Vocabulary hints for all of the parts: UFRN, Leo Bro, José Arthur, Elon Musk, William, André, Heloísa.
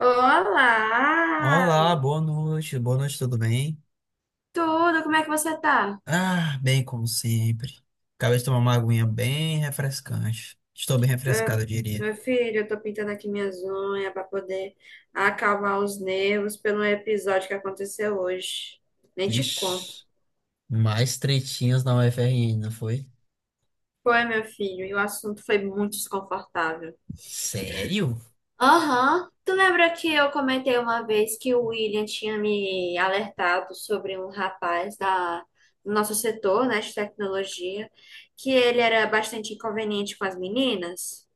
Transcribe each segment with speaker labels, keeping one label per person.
Speaker 1: Olá!
Speaker 2: Olá, boa noite, tudo bem?
Speaker 1: Tudo, como é que você tá?
Speaker 2: Ah, bem como sempre. Acabei de tomar uma aguinha bem refrescante. Estou bem
Speaker 1: Eu-
Speaker 2: refrescado, eu diria.
Speaker 1: Meu filho, eu tô pintando aqui minhas unhas pra poder acalmar os nervos pelo episódio que aconteceu hoje. Nem te conto.
Speaker 2: Vixe, mais tretinhas na UFRN, não foi?
Speaker 1: Foi, meu filho, e o assunto foi muito desconfortável.
Speaker 2: Sério?
Speaker 1: Aham. Tu lembra que eu comentei uma vez que o William tinha me alertado sobre um rapaz do nosso setor, né, de tecnologia, que ele era bastante inconveniente com as meninas?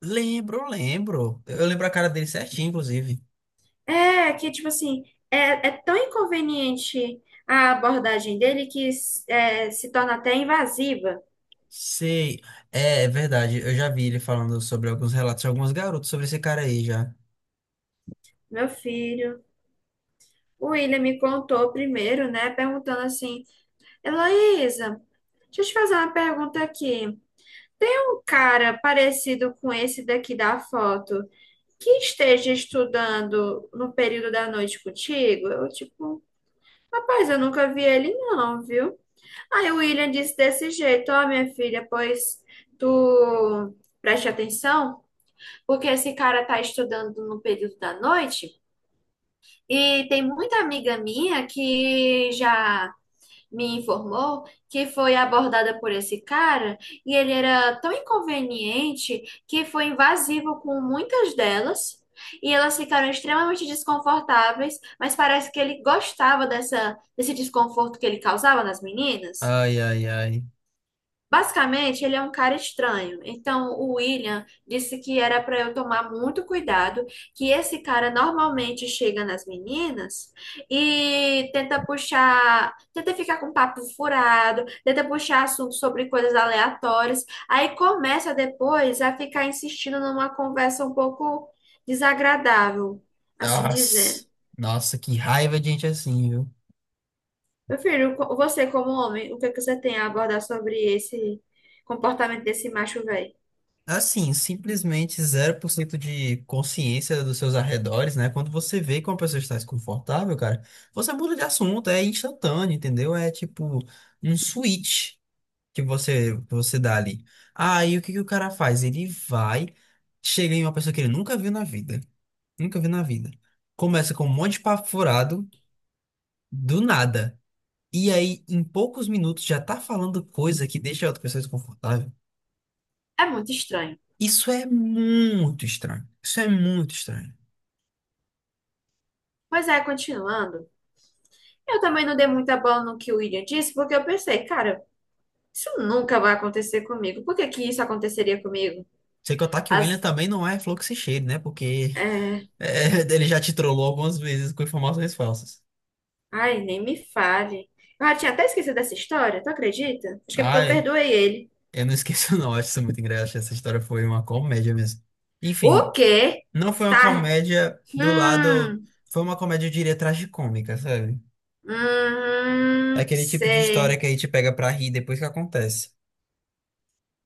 Speaker 2: Lembro, lembro. Eu lembro a cara dele certinho, inclusive.
Speaker 1: É, que tipo assim, é tão inconveniente a abordagem dele que é, se torna até invasiva.
Speaker 2: Sei, é verdade, eu já vi ele falando sobre alguns relatos de alguns garotos sobre esse cara aí já.
Speaker 1: Meu filho, o William me contou primeiro, né? Perguntando assim: Heloísa, deixa eu te fazer uma pergunta aqui. Tem um cara parecido com esse daqui da foto que esteja estudando no período da noite contigo? Eu, tipo, rapaz, eu nunca vi ele, não, viu? Aí o William disse desse jeito, ó, minha filha, pois tu preste atenção, porque esse cara tá estudando no período da noite e tem muita amiga minha que já me informou que foi abordada por esse cara e ele era tão inconveniente que foi invasivo com muitas delas. E elas ficaram extremamente desconfortáveis, mas parece que ele gostava desse desconforto que ele causava nas meninas.
Speaker 2: Ai, ai, ai.
Speaker 1: Basicamente, ele é um cara estranho. Então, o William disse que era para eu tomar muito cuidado, que esse cara normalmente chega nas meninas e tenta puxar, tenta ficar com papo furado, tenta puxar assunto sobre coisas aleatórias. Aí começa depois a ficar insistindo numa conversa um pouco desagradável, assim
Speaker 2: Nossa,
Speaker 1: dizer.
Speaker 2: nossa, que raiva de gente assim, viu?
Speaker 1: Meu filho, você como homem, o que é que você tem a abordar sobre esse comportamento desse macho velho?
Speaker 2: Assim, simplesmente zero por cento de consciência dos seus arredores, né? Quando você vê que uma pessoa está desconfortável, cara, você muda de assunto, é instantâneo, entendeu? É tipo um switch que você dá ali. Aí o que que o cara faz? Ele vai, chega em uma pessoa que ele nunca viu na vida, nunca viu na vida. Começa com um monte de papo furado, do nada. E aí, em poucos minutos, já tá falando coisa que deixa a outra pessoa desconfortável.
Speaker 1: É muito estranho.
Speaker 2: Isso é muito estranho. Isso é muito estranho.
Speaker 1: Pois é, continuando. Eu também não dei muita bola no que o William disse, porque eu pensei, cara, isso nunca vai acontecer comigo. Por que que isso aconteceria comigo?
Speaker 2: Sem contar que o William
Speaker 1: As,
Speaker 2: também não é fluxo e cheio, né? Porque
Speaker 1: é...
Speaker 2: ele já te trollou algumas vezes com informações falsas.
Speaker 1: Ai, nem me fale. Eu já tinha até esquecido dessa história, tu acredita? Acho que é porque eu
Speaker 2: Ai,
Speaker 1: perdoei ele.
Speaker 2: eu não esqueço, não. Acho isso muito engraçado. Essa história foi uma comédia mesmo.
Speaker 1: O
Speaker 2: Enfim,
Speaker 1: quê?
Speaker 2: não foi uma
Speaker 1: Tá.
Speaker 2: comédia do lado.
Speaker 1: Hum,
Speaker 2: Foi uma comédia, eu diria, tragicômica, sabe? É aquele tipo de história
Speaker 1: sei.
Speaker 2: que aí te pega pra rir depois que acontece.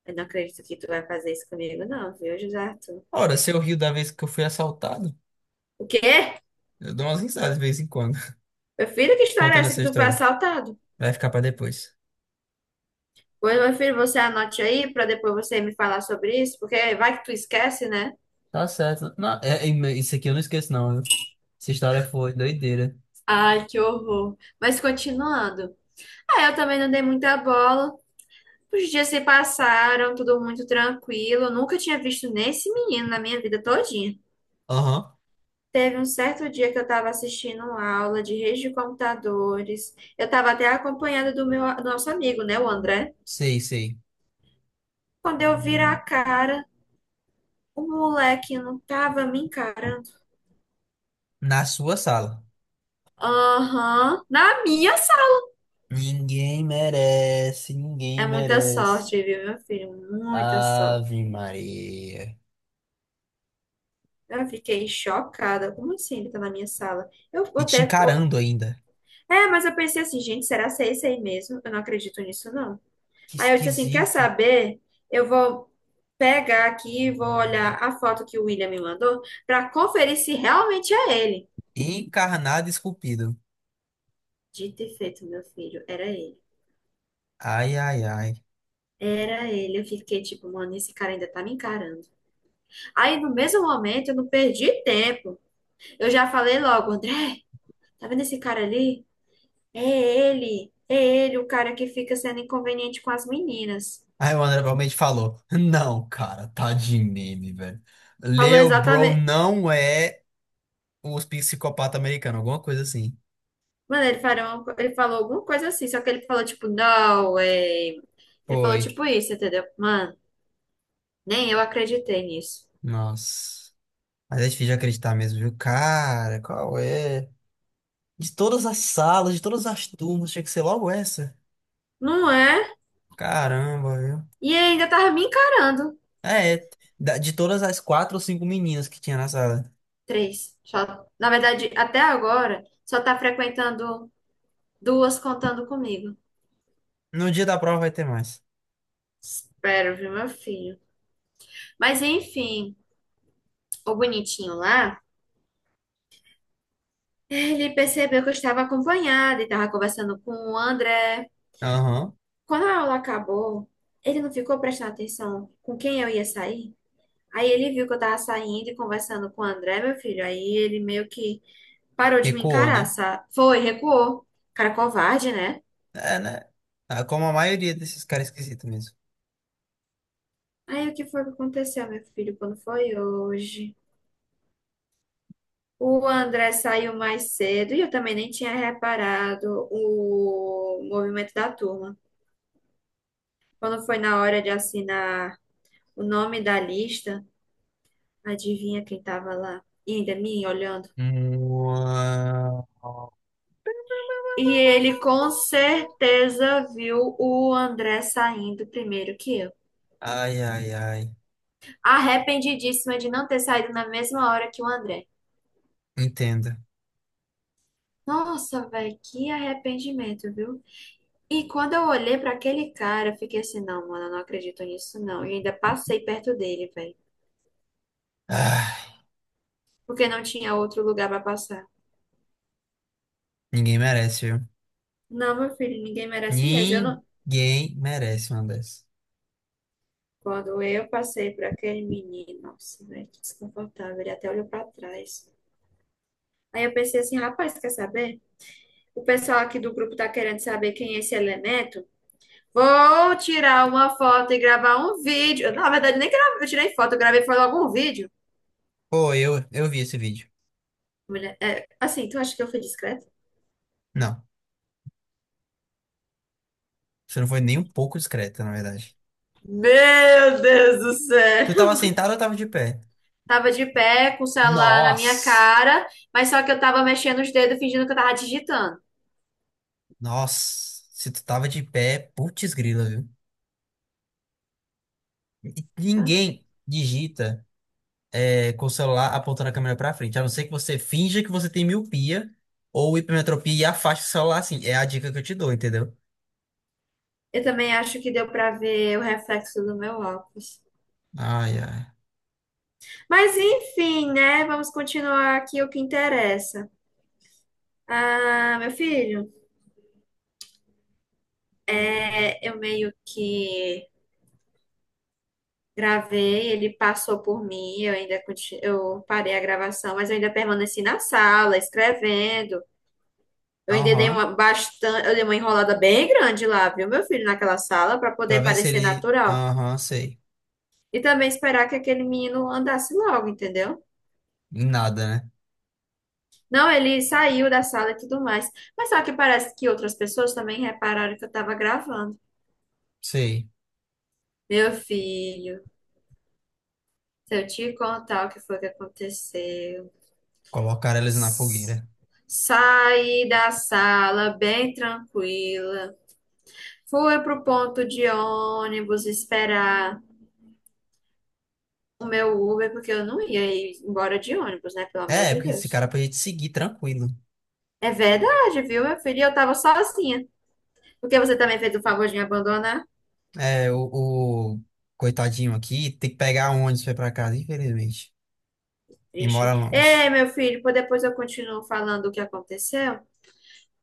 Speaker 1: Eu não acredito que tu vai fazer isso comigo, não, viu, José Arthur?
Speaker 2: Ora, se eu rio da vez que eu fui assaltado,
Speaker 1: O quê?
Speaker 2: eu dou umas risadas de vez em quando,
Speaker 1: Meu filho, que história é
Speaker 2: contando
Speaker 1: essa que
Speaker 2: essa
Speaker 1: tu foi
Speaker 2: história.
Speaker 1: assaltado?
Speaker 2: Vai ficar pra depois.
Speaker 1: Pois, meu filho, você anote aí para depois você me falar sobre isso, porque vai que tu esquece, né?
Speaker 2: Tá certo. Não, isso aqui eu não esqueço, não, viu? Essa história foi doideira.
Speaker 1: Ai, que horror. Mas continuando. Ah, eu também não dei muita bola. Os dias se passaram, tudo muito tranquilo. Eu nunca tinha visto nesse menino na minha vida todinha.
Speaker 2: Aham,
Speaker 1: Teve um certo dia que eu estava assistindo uma aula de rede de computadores. Eu estava até acompanhada do nosso amigo, né, o André.
Speaker 2: sei, sei.
Speaker 1: Quando eu viro a cara, o moleque não tava me encarando.
Speaker 2: Na sua sala.
Speaker 1: Aham, na minha.
Speaker 2: Ninguém merece,
Speaker 1: É
Speaker 2: ninguém
Speaker 1: muita
Speaker 2: merece.
Speaker 1: sorte, viu, meu filho? Muita sorte.
Speaker 2: Ave Maria.
Speaker 1: Eu fiquei chocada. Como assim ele tá na minha sala?
Speaker 2: E te encarando ainda.
Speaker 1: É, mas eu pensei assim, gente, será que é esse aí mesmo? Eu não acredito nisso, não.
Speaker 2: Que
Speaker 1: Aí eu disse assim: quer
Speaker 2: esquisito.
Speaker 1: saber? Eu vou pegar aqui e vou olhar a foto que o William me mandou pra conferir se realmente é ele.
Speaker 2: Encarnado e esculpido.
Speaker 1: Dito e feito, meu filho, era ele.
Speaker 2: Ai, ai, ai.
Speaker 1: Era ele. Eu fiquei tipo, mano, esse cara ainda tá me encarando. Aí no mesmo momento eu não perdi tempo. Eu já falei logo, André. Tá vendo esse cara ali? É ele. É ele, o cara que fica sendo inconveniente com as meninas.
Speaker 2: Aí o André realmente falou: Não, cara, tá de meme, velho.
Speaker 1: Falou
Speaker 2: Leo Bro
Speaker 1: exatamente.
Speaker 2: não é os psicopata americano, alguma coisa assim.
Speaker 1: Mano, ele falou alguma coisa assim, só que ele falou tipo, não, é. Ele falou
Speaker 2: Foi.
Speaker 1: tipo isso, entendeu? Mano, nem eu acreditei nisso.
Speaker 2: Nossa. Mas é difícil de acreditar mesmo, viu? Cara, qual é? De todas as salas, de todas as turmas, tinha que ser logo essa.
Speaker 1: Não é?
Speaker 2: Caramba, viu?
Speaker 1: E ainda tava me encarando.
Speaker 2: É, é, de todas as quatro ou cinco meninas que tinha na sala.
Speaker 1: Três. Só, na verdade, até agora, só tá frequentando duas contando comigo.
Speaker 2: No dia da prova vai ter mais.
Speaker 1: Espero, viu, meu filho? Mas enfim, o bonitinho lá. Ele percebeu que eu estava acompanhada e estava conversando com o André.
Speaker 2: Aham.
Speaker 1: Quando a aula acabou, ele não ficou prestando atenção com quem eu ia sair. Aí ele viu que eu estava saindo e conversando com o André, meu filho. Aí ele meio que parou de me
Speaker 2: Recuou,
Speaker 1: encarar,
Speaker 2: né?
Speaker 1: sabe? Foi, recuou. Cara covarde, né?
Speaker 2: É, né? Ah, como a maioria desses caras esquisitos mesmo.
Speaker 1: Aí o que foi que aconteceu, meu filho, quando foi hoje? O André saiu mais cedo e eu também nem tinha reparado o movimento da turma. Quando foi na hora de assinar o nome da lista, adivinha quem tava lá? E ainda me olhando.
Speaker 2: Uau.
Speaker 1: E ele com certeza viu o André saindo primeiro que eu.
Speaker 2: Ai, ai, ai.
Speaker 1: Arrependidíssima de não ter saído na mesma hora que o André.
Speaker 2: Entenda.
Speaker 1: Nossa, velho, que arrependimento, viu? E quando eu olhei pra aquele cara, eu fiquei assim, não, mano, eu não acredito nisso, não. E ainda passei perto dele, velho,
Speaker 2: Ah,
Speaker 1: porque não tinha outro lugar pra passar.
Speaker 2: ninguém merece, viu?
Speaker 1: Não, meu filho, ninguém merece mesmo. Eu não...
Speaker 2: Ninguém merece uma dessas.
Speaker 1: Quando eu passei por aquele menino, nossa, velho, que desconfortável. Ele até olhou pra trás. Aí eu pensei assim, rapaz, quer saber? O pessoal aqui do grupo tá querendo saber quem é esse elemento. Vou tirar uma foto e gravar um vídeo. Na verdade, nem gravei, eu tirei foto, eu gravei foi logo um vídeo.
Speaker 2: Pô, eu vi esse vídeo.
Speaker 1: Mulher, é, assim, tu acha que eu fui discreta?
Speaker 2: Não. Você não foi nem um pouco discreta, na verdade.
Speaker 1: Meu Deus do
Speaker 2: Tu
Speaker 1: céu!
Speaker 2: tava sentado ou tava de pé?
Speaker 1: Tava de pé, com o celular na minha
Speaker 2: Nossa!
Speaker 1: cara, mas só que eu tava mexendo os dedos, fingindo que eu tava digitando.
Speaker 2: Nossa, se tu tava de pé, putz grila, viu? E
Speaker 1: Tá?
Speaker 2: ninguém digita com o celular apontando a câmera pra frente, a não ser que você finja que você tem miopia ou hipermetropia e afaste o celular assim. É a dica que eu te dou, entendeu?
Speaker 1: Eu também acho que deu pra ver o reflexo do meu óculos.
Speaker 2: Ai, ai.
Speaker 1: Mas enfim, né? Vamos continuar aqui o que interessa. Ah, meu filho, é, eu meio que gravei, ele passou por mim, eu parei a gravação, mas eu ainda permaneci na sala, escrevendo.
Speaker 2: Aham.
Speaker 1: Eu dei uma enrolada bem grande lá, viu, meu filho, naquela sala, para
Speaker 2: Pra
Speaker 1: poder
Speaker 2: ver se
Speaker 1: parecer
Speaker 2: ele.
Speaker 1: natural.
Speaker 2: Aham, sei.
Speaker 1: E também esperar que aquele menino andasse logo, entendeu?
Speaker 2: Em nada, né?
Speaker 1: Não, ele saiu da sala e tudo mais. Mas só que parece que outras pessoas também repararam que eu tava gravando.
Speaker 2: Sei.
Speaker 1: Meu filho, se eu te contar o que foi que aconteceu.
Speaker 2: Colocar eles na fogueira.
Speaker 1: Saí da sala bem tranquila. Fui pro ponto de ônibus esperar o meu Uber, porque eu não ia ir embora de ônibus, né? Pelo amor
Speaker 2: É,
Speaker 1: de
Speaker 2: porque esse
Speaker 1: Deus.
Speaker 2: cara pode te seguir tranquilo.
Speaker 1: É verdade, viu, meu filho? E eu tava sozinha. Porque você também fez o favor de me abandonar?
Speaker 2: É, o coitadinho aqui tem que pegar um ônibus pra ir pra casa, infelizmente. E
Speaker 1: Triste.
Speaker 2: mora
Speaker 1: Ei,
Speaker 2: longe.
Speaker 1: meu filho, pô, depois eu continuo falando o que aconteceu,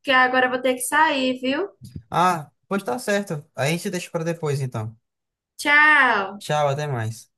Speaker 1: que agora eu vou ter que sair, viu?
Speaker 2: Ah, pode estar certo. A gente deixa pra depois, então.
Speaker 1: Tchau!
Speaker 2: Tchau, até mais.